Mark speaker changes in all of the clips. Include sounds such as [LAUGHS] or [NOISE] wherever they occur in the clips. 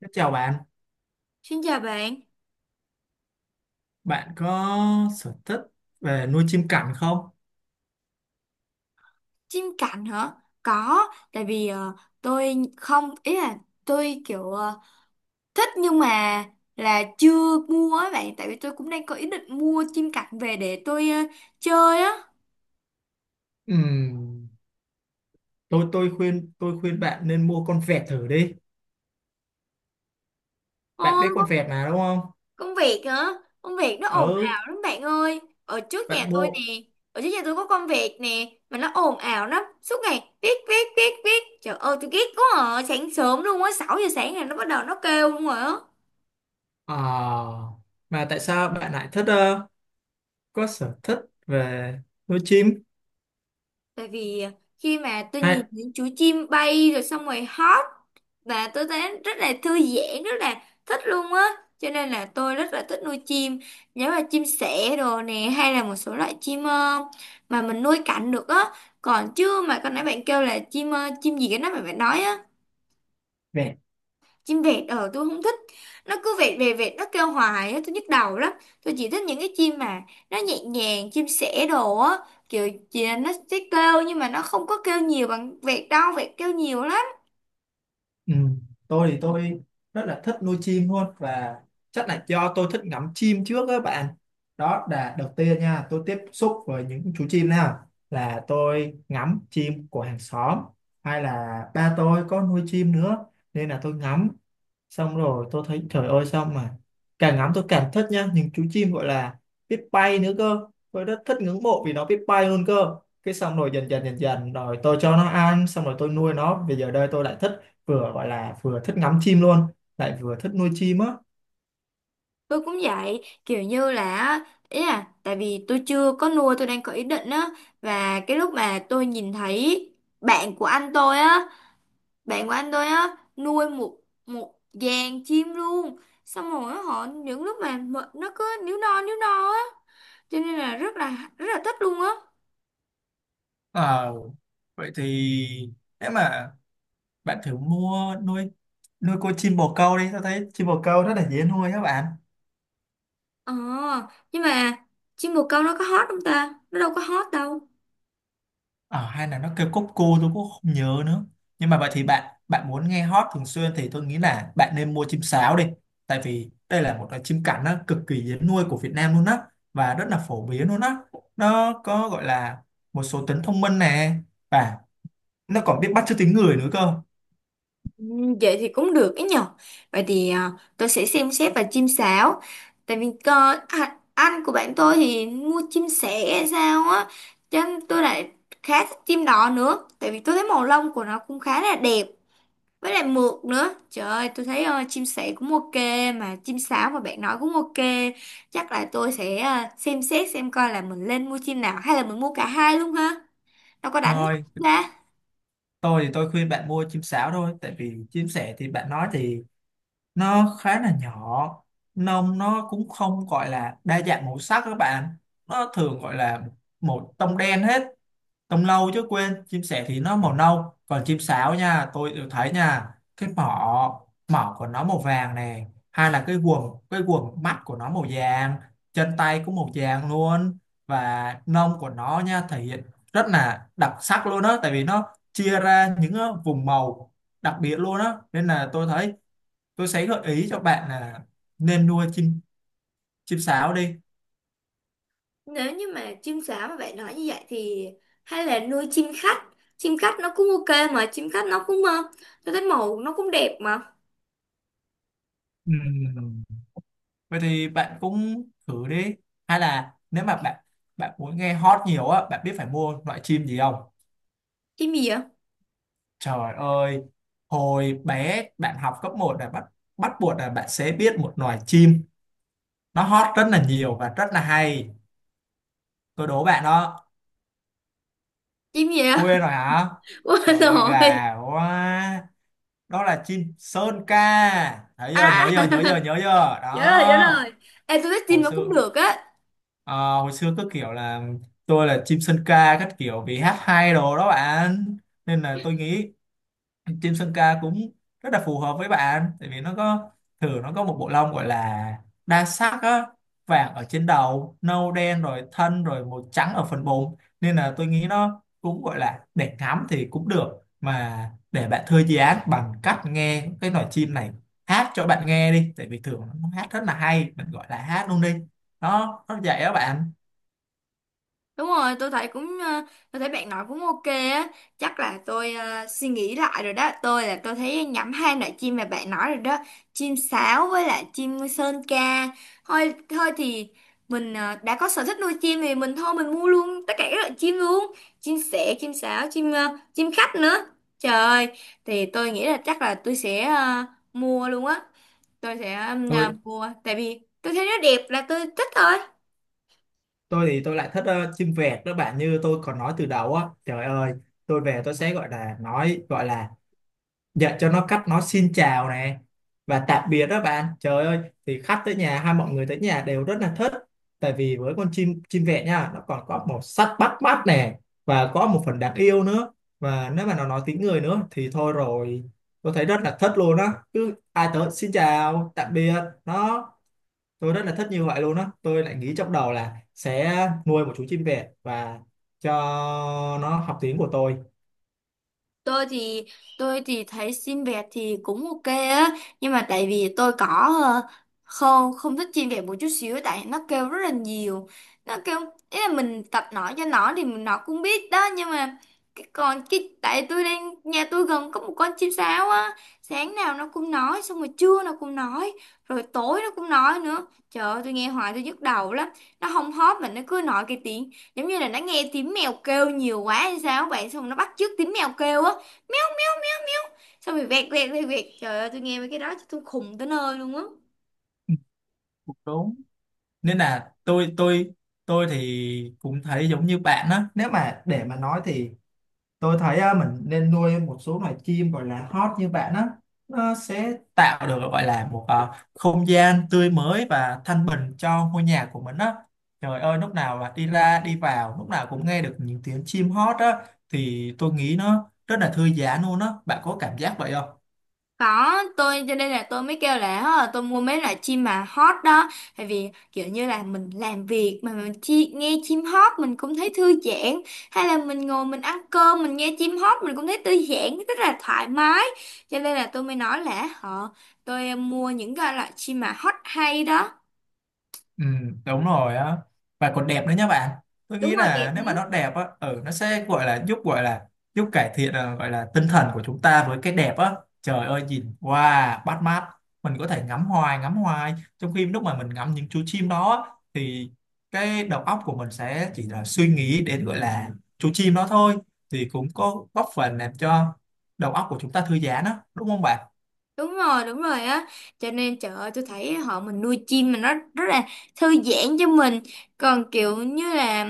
Speaker 1: Thế chào bạn,
Speaker 2: Xin chào bạn,
Speaker 1: bạn có sở thích về nuôi chim cảnh không?
Speaker 2: chim cảnh hả? Có, tại vì tôi không, ý là tôi kiểu thích nhưng mà là chưa mua á bạn, tại vì tôi cũng đang có ý định mua chim cảnh về để tôi chơi á.
Speaker 1: Ừm, tôi khuyên bạn nên mua con vẹt thử đi. Bạn
Speaker 2: Ôi,
Speaker 1: biết con
Speaker 2: có-
Speaker 1: vẹt mà đúng không?
Speaker 2: công việc hả? Công việc nó ồn
Speaker 1: Ừ,
Speaker 2: ào lắm bạn ơi. Ở trước nhà
Speaker 1: bạn
Speaker 2: tôi
Speaker 1: mua.
Speaker 2: nè, ở trước nhà tôi có con vẹt nè, mà nó ồn ào lắm, suốt ngày viết viết viết viết. Trời ơi, tôi ghét quá à, sáng sớm luôn á, 6 giờ sáng là nó bắt đầu nó kêu luôn rồi á.
Speaker 1: Ờ, mà tại sao bạn lại thích có sở thích về nuôi chim?
Speaker 2: Tại vì khi mà tôi nhìn
Speaker 1: Hay
Speaker 2: những chú chim bay rồi xong rồi hót và tôi thấy rất là thư giãn, rất là thích luôn á. Cho nên là tôi rất là thích nuôi chim, giống là chim sẻ đồ nè hay là một số loại chim mà mình nuôi cảnh được á. Còn chứ mà con nãy bạn kêu là chim chim gì cái đó mà bạn nói á,
Speaker 1: vẹt.
Speaker 2: chim vẹt ờ tôi không thích, nó cứ vẹt về vẹt nó kêu hoài á, tôi nhức đầu lắm. Tôi chỉ thích những cái chim mà nó nhẹ nhàng, chim sẻ đồ á, kiểu chỉ là nó sẽ kêu nhưng mà nó không có kêu nhiều bằng vẹt đâu, vẹt kêu nhiều lắm.
Speaker 1: Ừ, tôi thì tôi rất là thích nuôi chim luôn, và chắc là do tôi thích ngắm chim trước các bạn. Đó là đầu tiên nha, tôi tiếp xúc với những chú chim nào là tôi ngắm chim của hàng xóm, hay là ba tôi có nuôi chim nữa, nên là tôi ngắm. Xong rồi tôi thấy trời ơi, sao mà càng ngắm tôi càng thích nha, những chú chim gọi là biết bay nữa cơ. Tôi rất thích, ngưỡng mộ vì nó biết bay luôn cơ. Cái xong rồi dần dần dần dần rồi tôi cho nó ăn, xong rồi tôi nuôi nó, bây giờ đây tôi lại thích, vừa gọi là vừa thích ngắm chim luôn, lại vừa thích nuôi chim á.
Speaker 2: Tôi cũng vậy, kiểu như là á, ý là tại vì tôi chưa có nuôi, tôi đang có ý định á. Và cái lúc mà tôi nhìn thấy bạn của anh tôi á, nuôi một một dàn chim luôn. Xong rồi á, họ những lúc mà mệt, nó cứ níu no á, cho nên là rất là thích luôn á.
Speaker 1: Ờ, vậy thì nếu mà bạn thử mua nuôi, nuôi con chim bồ câu đi, tôi thấy chim bồ câu rất là dễ nuôi các bạn.
Speaker 2: Ờ, nhưng mà chim bồ câu nó có hot không ta, nó đâu có hot đâu.
Speaker 1: Ờ, hay là nó kêu cốc cu, tôi cũng không nhớ nữa. Nhưng mà vậy thì bạn bạn muốn nghe hót thường xuyên thì tôi nghĩ là bạn nên mua chim sáo đi. Tại vì đây là một loại chim cảnh nó cực kỳ dễ nuôi của Việt Nam luôn á, và rất là phổ biến luôn á. Nó có gọi là một số tính thông minh nè, và nó còn biết bắt chước tiếng người nữa cơ.
Speaker 2: Ừ, vậy thì cũng được ấy nhở. Vậy thì tôi sẽ xem xét và chim sáo, tại vì cơ à, anh của bạn tôi thì mua chim sẻ hay sao á, cho nên tôi lại khá thích chim đỏ nữa, tại vì tôi thấy màu lông của nó cũng khá là đẹp, với lại mượt nữa. Trời ơi, tôi thấy chim sẻ cũng ok, mà chim sáo mà bạn nói cũng ok. Chắc là tôi sẽ xem xét xem coi là mình lên mua chim nào, hay là mình mua cả hai luôn ha, đâu có đánh nhau
Speaker 1: Thôi,
Speaker 2: ra.
Speaker 1: tôi thì tôi khuyên bạn mua chim sáo thôi, tại vì chim sẻ thì bạn nói thì nó khá là nhỏ, nông nó cũng không gọi là đa dạng màu sắc các bạn, nó thường gọi là một tông đen hết, tông lâu chứ quên, chim sẻ thì nó màu nâu, còn chim sáo nha tôi đều thấy nha, cái mỏ, mỏ của nó màu vàng nè, hay là cái guồng mắt của nó màu vàng, chân tay cũng màu vàng luôn, và nông của nó nha thể hiện rất là đặc sắc luôn á, tại vì nó chia ra những vùng màu đặc biệt luôn á, nên là tôi thấy tôi sẽ gợi ý cho bạn là nên nuôi chim, chim sáo đi.
Speaker 2: Nếu như mà chim sáo mà bạn nói như vậy thì hay là nuôi chim khách, chim khách nó cũng ok mà, chim khách nó cũng tôi thấy màu nó cũng đẹp mà.
Speaker 1: Ừ, vậy thì bạn cũng thử đi, hay là nếu mà bạn bạn muốn nghe hot nhiều á, bạn biết phải mua loại chim gì không?
Speaker 2: Chim gì vậy?
Speaker 1: Trời ơi, hồi bé bạn học cấp một là bắt, bắt buộc là bạn sẽ biết một loài chim, nó hot rất là nhiều và rất là hay. Tôi đố bạn đó.
Speaker 2: Chim gì vậy?
Speaker 1: Quên rồi hả?
Speaker 2: [LAUGHS] Quên
Speaker 1: Trời ơi, gà
Speaker 2: rồi.
Speaker 1: quá. Đó là chim sơn ca, thấy chưa, nhớ chưa, nhớ
Speaker 2: À
Speaker 1: chưa,
Speaker 2: [LAUGHS]
Speaker 1: nhớ chưa
Speaker 2: nhớ rồi, nhớ rồi.
Speaker 1: đó.
Speaker 2: Ê, tôi thích chim
Speaker 1: Hồi
Speaker 2: nó
Speaker 1: xưa,
Speaker 2: cũng được á.
Speaker 1: ờ, hồi xưa cứ kiểu là tôi là chim sơn ca các kiểu vì hát hay đồ đó bạn, nên là tôi nghĩ chim sơn ca cũng rất là phù hợp với bạn, tại vì nó có, thử nó có một bộ lông gọi là đa sắc á, vàng ở trên đầu, nâu đen rồi thân, rồi màu trắng ở phần bụng, nên là tôi nghĩ nó cũng gọi là để ngắm thì cũng được, mà để bạn thư giãn bằng cách nghe cái loài chim này hát cho bạn nghe đi, tại vì thường nó hát rất là hay, mình gọi là hát luôn đi đó, nó vậy đó bạn.
Speaker 2: Đúng rồi, tôi thấy cũng tôi thấy bạn nói cũng ok á. Chắc là tôi suy nghĩ lại rồi đó. Tôi là tôi thấy nhắm hai loại chim mà bạn nói rồi đó. Chim sáo với lại chim sơn ca. Thôi thôi thì mình đã có sở thích nuôi chim thì mình thôi mình mua luôn tất cả các loại chim luôn. Chim sẻ, chim sáo, chim chim khách nữa. Trời ơi, thì tôi nghĩ là chắc là tôi sẽ mua luôn á. Tôi sẽ
Speaker 1: Tôi
Speaker 2: mua tại vì tôi thấy nó đẹp là tôi thích thôi.
Speaker 1: tôi thì tôi lại thích chim vẹt đó bạn, như tôi còn nói từ đầu á, trời ơi, tôi về tôi sẽ gọi là nói, gọi là dạy cho nó cách nói xin chào này và tạm biệt đó bạn. Trời ơi, thì khách tới nhà hay mọi người tới nhà đều rất là thích, tại vì với con chim, chim vẹt nha, nó còn có màu sắc bắt mắt nè, và có một phần đáng yêu nữa, và nếu mà nó nói tiếng người nữa thì thôi rồi, tôi thấy rất là thích luôn á, cứ ai tới xin chào tạm biệt nó, tôi rất là thích như vậy luôn á, tôi lại nghĩ trong đầu là sẽ nuôi một chú chim vẹt và cho nó học tiếng của tôi.
Speaker 2: tôi thì tôi thì thấy xin vẹt thì cũng ok á, nhưng mà tại vì tôi có ờ, không không thích xin vẹt một chút xíu, tại nó kêu rất là nhiều. Nó kêu, ý là mình tập nói cho nó thì mình- nó cũng biết đó, nhưng mà cái còn cái tại tôi đang nhà tôi gần có một con chim sáo á. Sáng nào nó cũng nói, xong rồi trưa nó cũng nói, rồi tối nó cũng nói nữa. Trời ơi, tôi nghe hoài tôi nhức đầu lắm. Nó không hót mà nó cứ nói cái tiếng giống như là nó nghe tiếng mèo kêu nhiều quá hay sao bạn, xong rồi nó bắt chước tiếng mèo kêu á, xong rồi vẹt vẹt vẹt vẹt. Trời ơi, tôi nghe mấy cái đó tôi khùng tới nơi luôn á.
Speaker 1: Ừ, cũng đúng, nên là tôi tôi thì cũng thấy giống như bạn á, nếu mà để mà nói thì tôi thấy á, mình nên nuôi một số loài chim gọi là hót như bạn á, nó sẽ tạo được gọi là một không gian tươi mới và thanh bình cho ngôi nhà của mình á. Trời ơi, lúc nào là đi ra đi vào lúc nào cũng nghe được những tiếng chim hót á, thì tôi nghĩ nó rất là thư giãn luôn á, bạn có cảm giác vậy không?
Speaker 2: Có, tôi cho nên là tôi mới kêu là "Hả, tôi mua mấy loại chim mà hót đó, tại vì kiểu như là mình làm việc mà mình chi, nghe chim hót mình cũng thấy thư giãn, hay là mình ngồi mình ăn cơm mình nghe chim hót mình cũng thấy thư giãn rất là thoải mái. Cho nên là tôi mới nói là họ tôi mua những cái loại chim mà hót hay đó.
Speaker 1: Ừ, đúng rồi á, và còn đẹp nữa nhá bạn. Tôi
Speaker 2: Đúng
Speaker 1: nghĩ
Speaker 2: rồi, đẹp.
Speaker 1: là nếu mà nó đẹp á, ừ, nó sẽ gọi là giúp, gọi là giúp cải thiện à, gọi là tinh thần của chúng ta với cái đẹp á. Trời ơi, nhìn wow, bắt mắt, mình có thể ngắm hoài ngắm hoài, trong khi lúc mà mình ngắm những chú chim đó á, thì cái đầu óc của mình sẽ chỉ là suy nghĩ đến gọi là chú chim đó thôi, thì cũng có góp phần làm cho đầu óc của chúng ta thư giãn á, đúng không bạn?
Speaker 2: Đúng rồi, đúng rồi á. Cho nên trời ơi, tôi thấy họ mình nuôi chim mà nó rất là thư giãn cho mình. Còn kiểu như là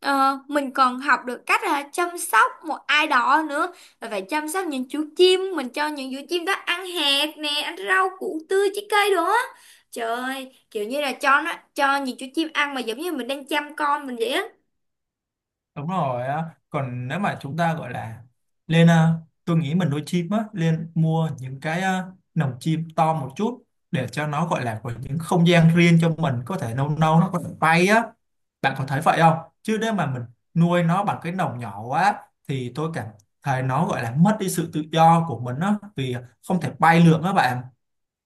Speaker 2: mình còn học được cách là chăm sóc một ai đó nữa, rồi phải chăm sóc những chú chim, mình cho những chú chim đó ăn hạt nè, ăn rau củ tươi trái cây đồ á. Trời ơi, kiểu như là cho nó cho những chú chim ăn mà giống như mình đang chăm con mình vậy á.
Speaker 1: Đúng rồi á, còn nếu mà chúng ta gọi là lên à, tôi nghĩ mình nuôi chim á, lên mua những cái à, lồng chim to một chút, để cho nó gọi là có những không gian riêng cho mình, có thể nâu nâu nó có thể bay á, bạn có thấy vậy không? Chứ nếu mà mình nuôi nó bằng cái lồng nhỏ quá, thì tôi cảm thấy nó gọi là mất đi sự tự do của mình á, vì không thể bay lượn á bạn.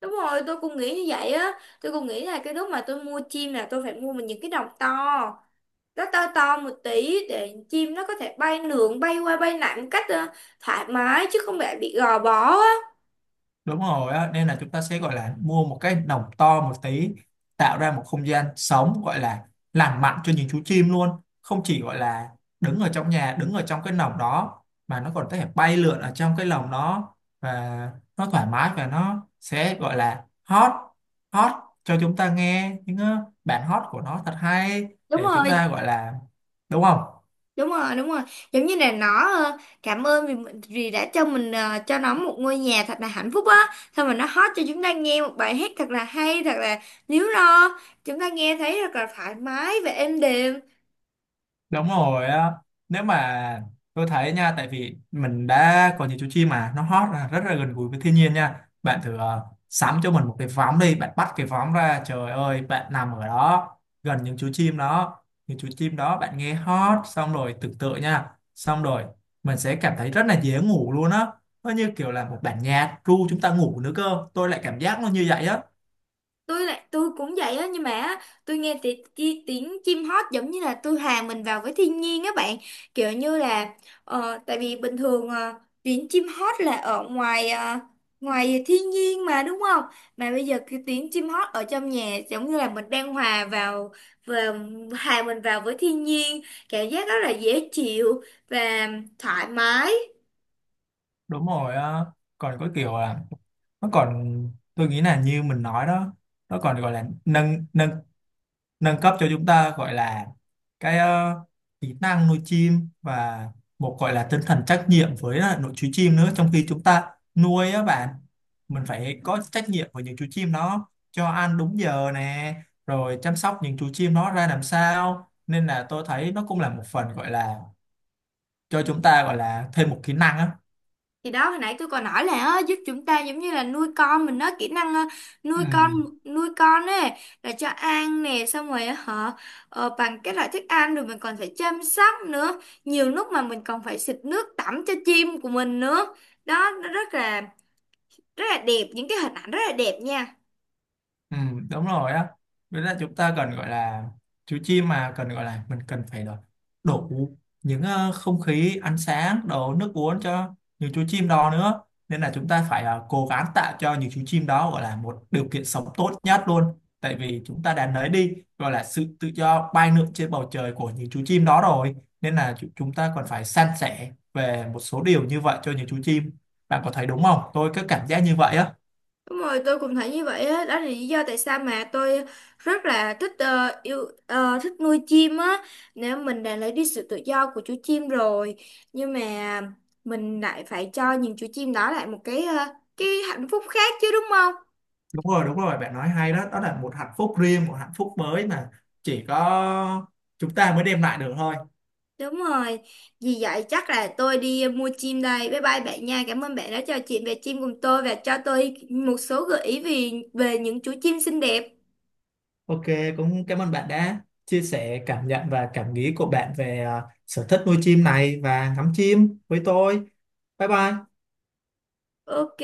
Speaker 2: Đúng rồi, tôi cũng nghĩ như vậy á. Tôi cũng nghĩ là cái lúc mà tôi mua chim là tôi phải mua mình những cái đồng to, nó to to một tí để chim nó có thể bay lượn bay qua bay lại một cách thoải mái chứ không phải bị gò bó á.
Speaker 1: Đúng rồi á, nên là chúng ta sẽ gọi là mua một cái lồng to một tí, tạo ra một không gian sống gọi là lành mạnh cho những chú chim luôn, không chỉ gọi là đứng ở trong nhà, đứng ở trong cái lồng đó, mà nó còn có thể bay lượn ở trong cái lồng đó, và nó thoải mái và nó sẽ gọi là hót, hót cho chúng ta nghe những bản hót của nó thật hay,
Speaker 2: đúng
Speaker 1: để chúng
Speaker 2: rồi
Speaker 1: ta gọi là, đúng không?
Speaker 2: đúng rồi đúng rồi, giống như là nó cảm ơn vì mình- vì đã cho mình cho nó một ngôi nhà thật là hạnh phúc á, xong rồi nó hót cho chúng ta nghe một bài hát thật là hay, thật là líu lo, chúng ta nghe thấy thật là thoải mái và êm đềm.
Speaker 1: Đúng rồi á. Nếu mà, tôi thấy nha, tại vì mình đã có những chú chim mà nó hót là rất là gần gũi với thiên nhiên nha. Bạn thử sắm cho mình một cái võng đi, bạn bắt cái võng ra, trời ơi, bạn nằm ở đó gần những chú chim đó, những chú chim đó bạn nghe hót xong rồi tưởng tượng nha, xong rồi mình sẽ cảm thấy rất là dễ ngủ luôn á. Nó như kiểu là một bản nhạc ru chúng ta ngủ nữa cơ. Tôi lại cảm giác nó như vậy á.
Speaker 2: Tôi cũng vậy á, nhưng mà á, tôi nghe tiếng ti, tiếng chim hót giống như là tôi hòa mình vào với thiên nhiên á bạn. Kiểu như là tại vì bình thường tiếng chim hót là ở ngoài ngoài thiên nhiên mà đúng không, mà bây giờ cái tiếng chim hót ở trong nhà giống như là mình đang hòa vào và hòa mình vào với thiên nhiên, cảm giác rất là dễ chịu và thoải mái.
Speaker 1: Đúng rồi á. Còn có kiểu là nó còn, tôi nghĩ là như mình nói đó, nó còn gọi là nâng, nâng cấp cho chúng ta gọi là cái kỹ năng nuôi chim, và một gọi là tinh thần trách nhiệm với lại nội chú chim nữa, trong khi chúng ta nuôi á bạn, mình phải có trách nhiệm với những chú chim đó, cho ăn đúng giờ nè, rồi chăm sóc những chú chim đó ra làm sao, nên là tôi thấy nó cũng là một phần gọi là cho chúng ta gọi là thêm một kỹ năng á.
Speaker 2: Thì đó, hồi nãy tôi còn nói là á, giúp chúng ta giống như là nuôi con mình á, kỹ năng á,
Speaker 1: Ừ.
Speaker 2: nuôi con nuôi con ấy, là cho ăn nè, xong rồi họ bằng các loại thức ăn, rồi mình còn phải chăm sóc nữa, nhiều lúc mà mình còn phải xịt nước tắm cho chim của mình nữa. Đó, nó rất là đẹp, những cái hình ảnh rất là đẹp nha.
Speaker 1: Ừ, đúng rồi á, với là chúng ta cần gọi là chú chim mà cần gọi là mình cần phải đổ đủ những không khí, ánh sáng, đồ, nước uống cho những chú chim đó nữa, nên là chúng ta phải cố gắng tạo cho những chú chim đó gọi là một điều kiện sống tốt nhất luôn, tại vì chúng ta đã lấy đi gọi là sự tự do bay lượn trên bầu trời của những chú chim đó rồi, nên là chu- chúng ta còn phải san sẻ về một số điều như vậy cho những chú chim, bạn có thấy đúng không, tôi có cảm giác như vậy á.
Speaker 2: Đúng rồi, tôi cũng thấy như vậy á, đó là lý do tại sao mà tôi rất là thích yêu thích nuôi chim á. Nếu mình đã lấy đi sự tự do của chú chim rồi, nhưng mà mình lại phải cho những chú chim đó lại một cái cái hạnh phúc khác chứ đúng không?
Speaker 1: Đúng rồi đúng rồi, bạn nói hay đó, đó là một hạnh phúc riêng, một hạnh phúc mới mà chỉ có chúng ta mới đem lại được thôi.
Speaker 2: Đúng rồi. Vì vậy chắc là tôi đi mua chim đây. Bye bye bạn nha. Cảm ơn bạn đã trò chuyện về chim cùng tôi và cho tôi một số gợi ý về về những chú chim xinh đẹp.
Speaker 1: Ok, cũng cảm ơn bạn đã chia sẻ cảm nhận và cảm nghĩ của bạn về à, sở thích nuôi chim này và ngắm chim với tôi. Bye bye.
Speaker 2: Ok.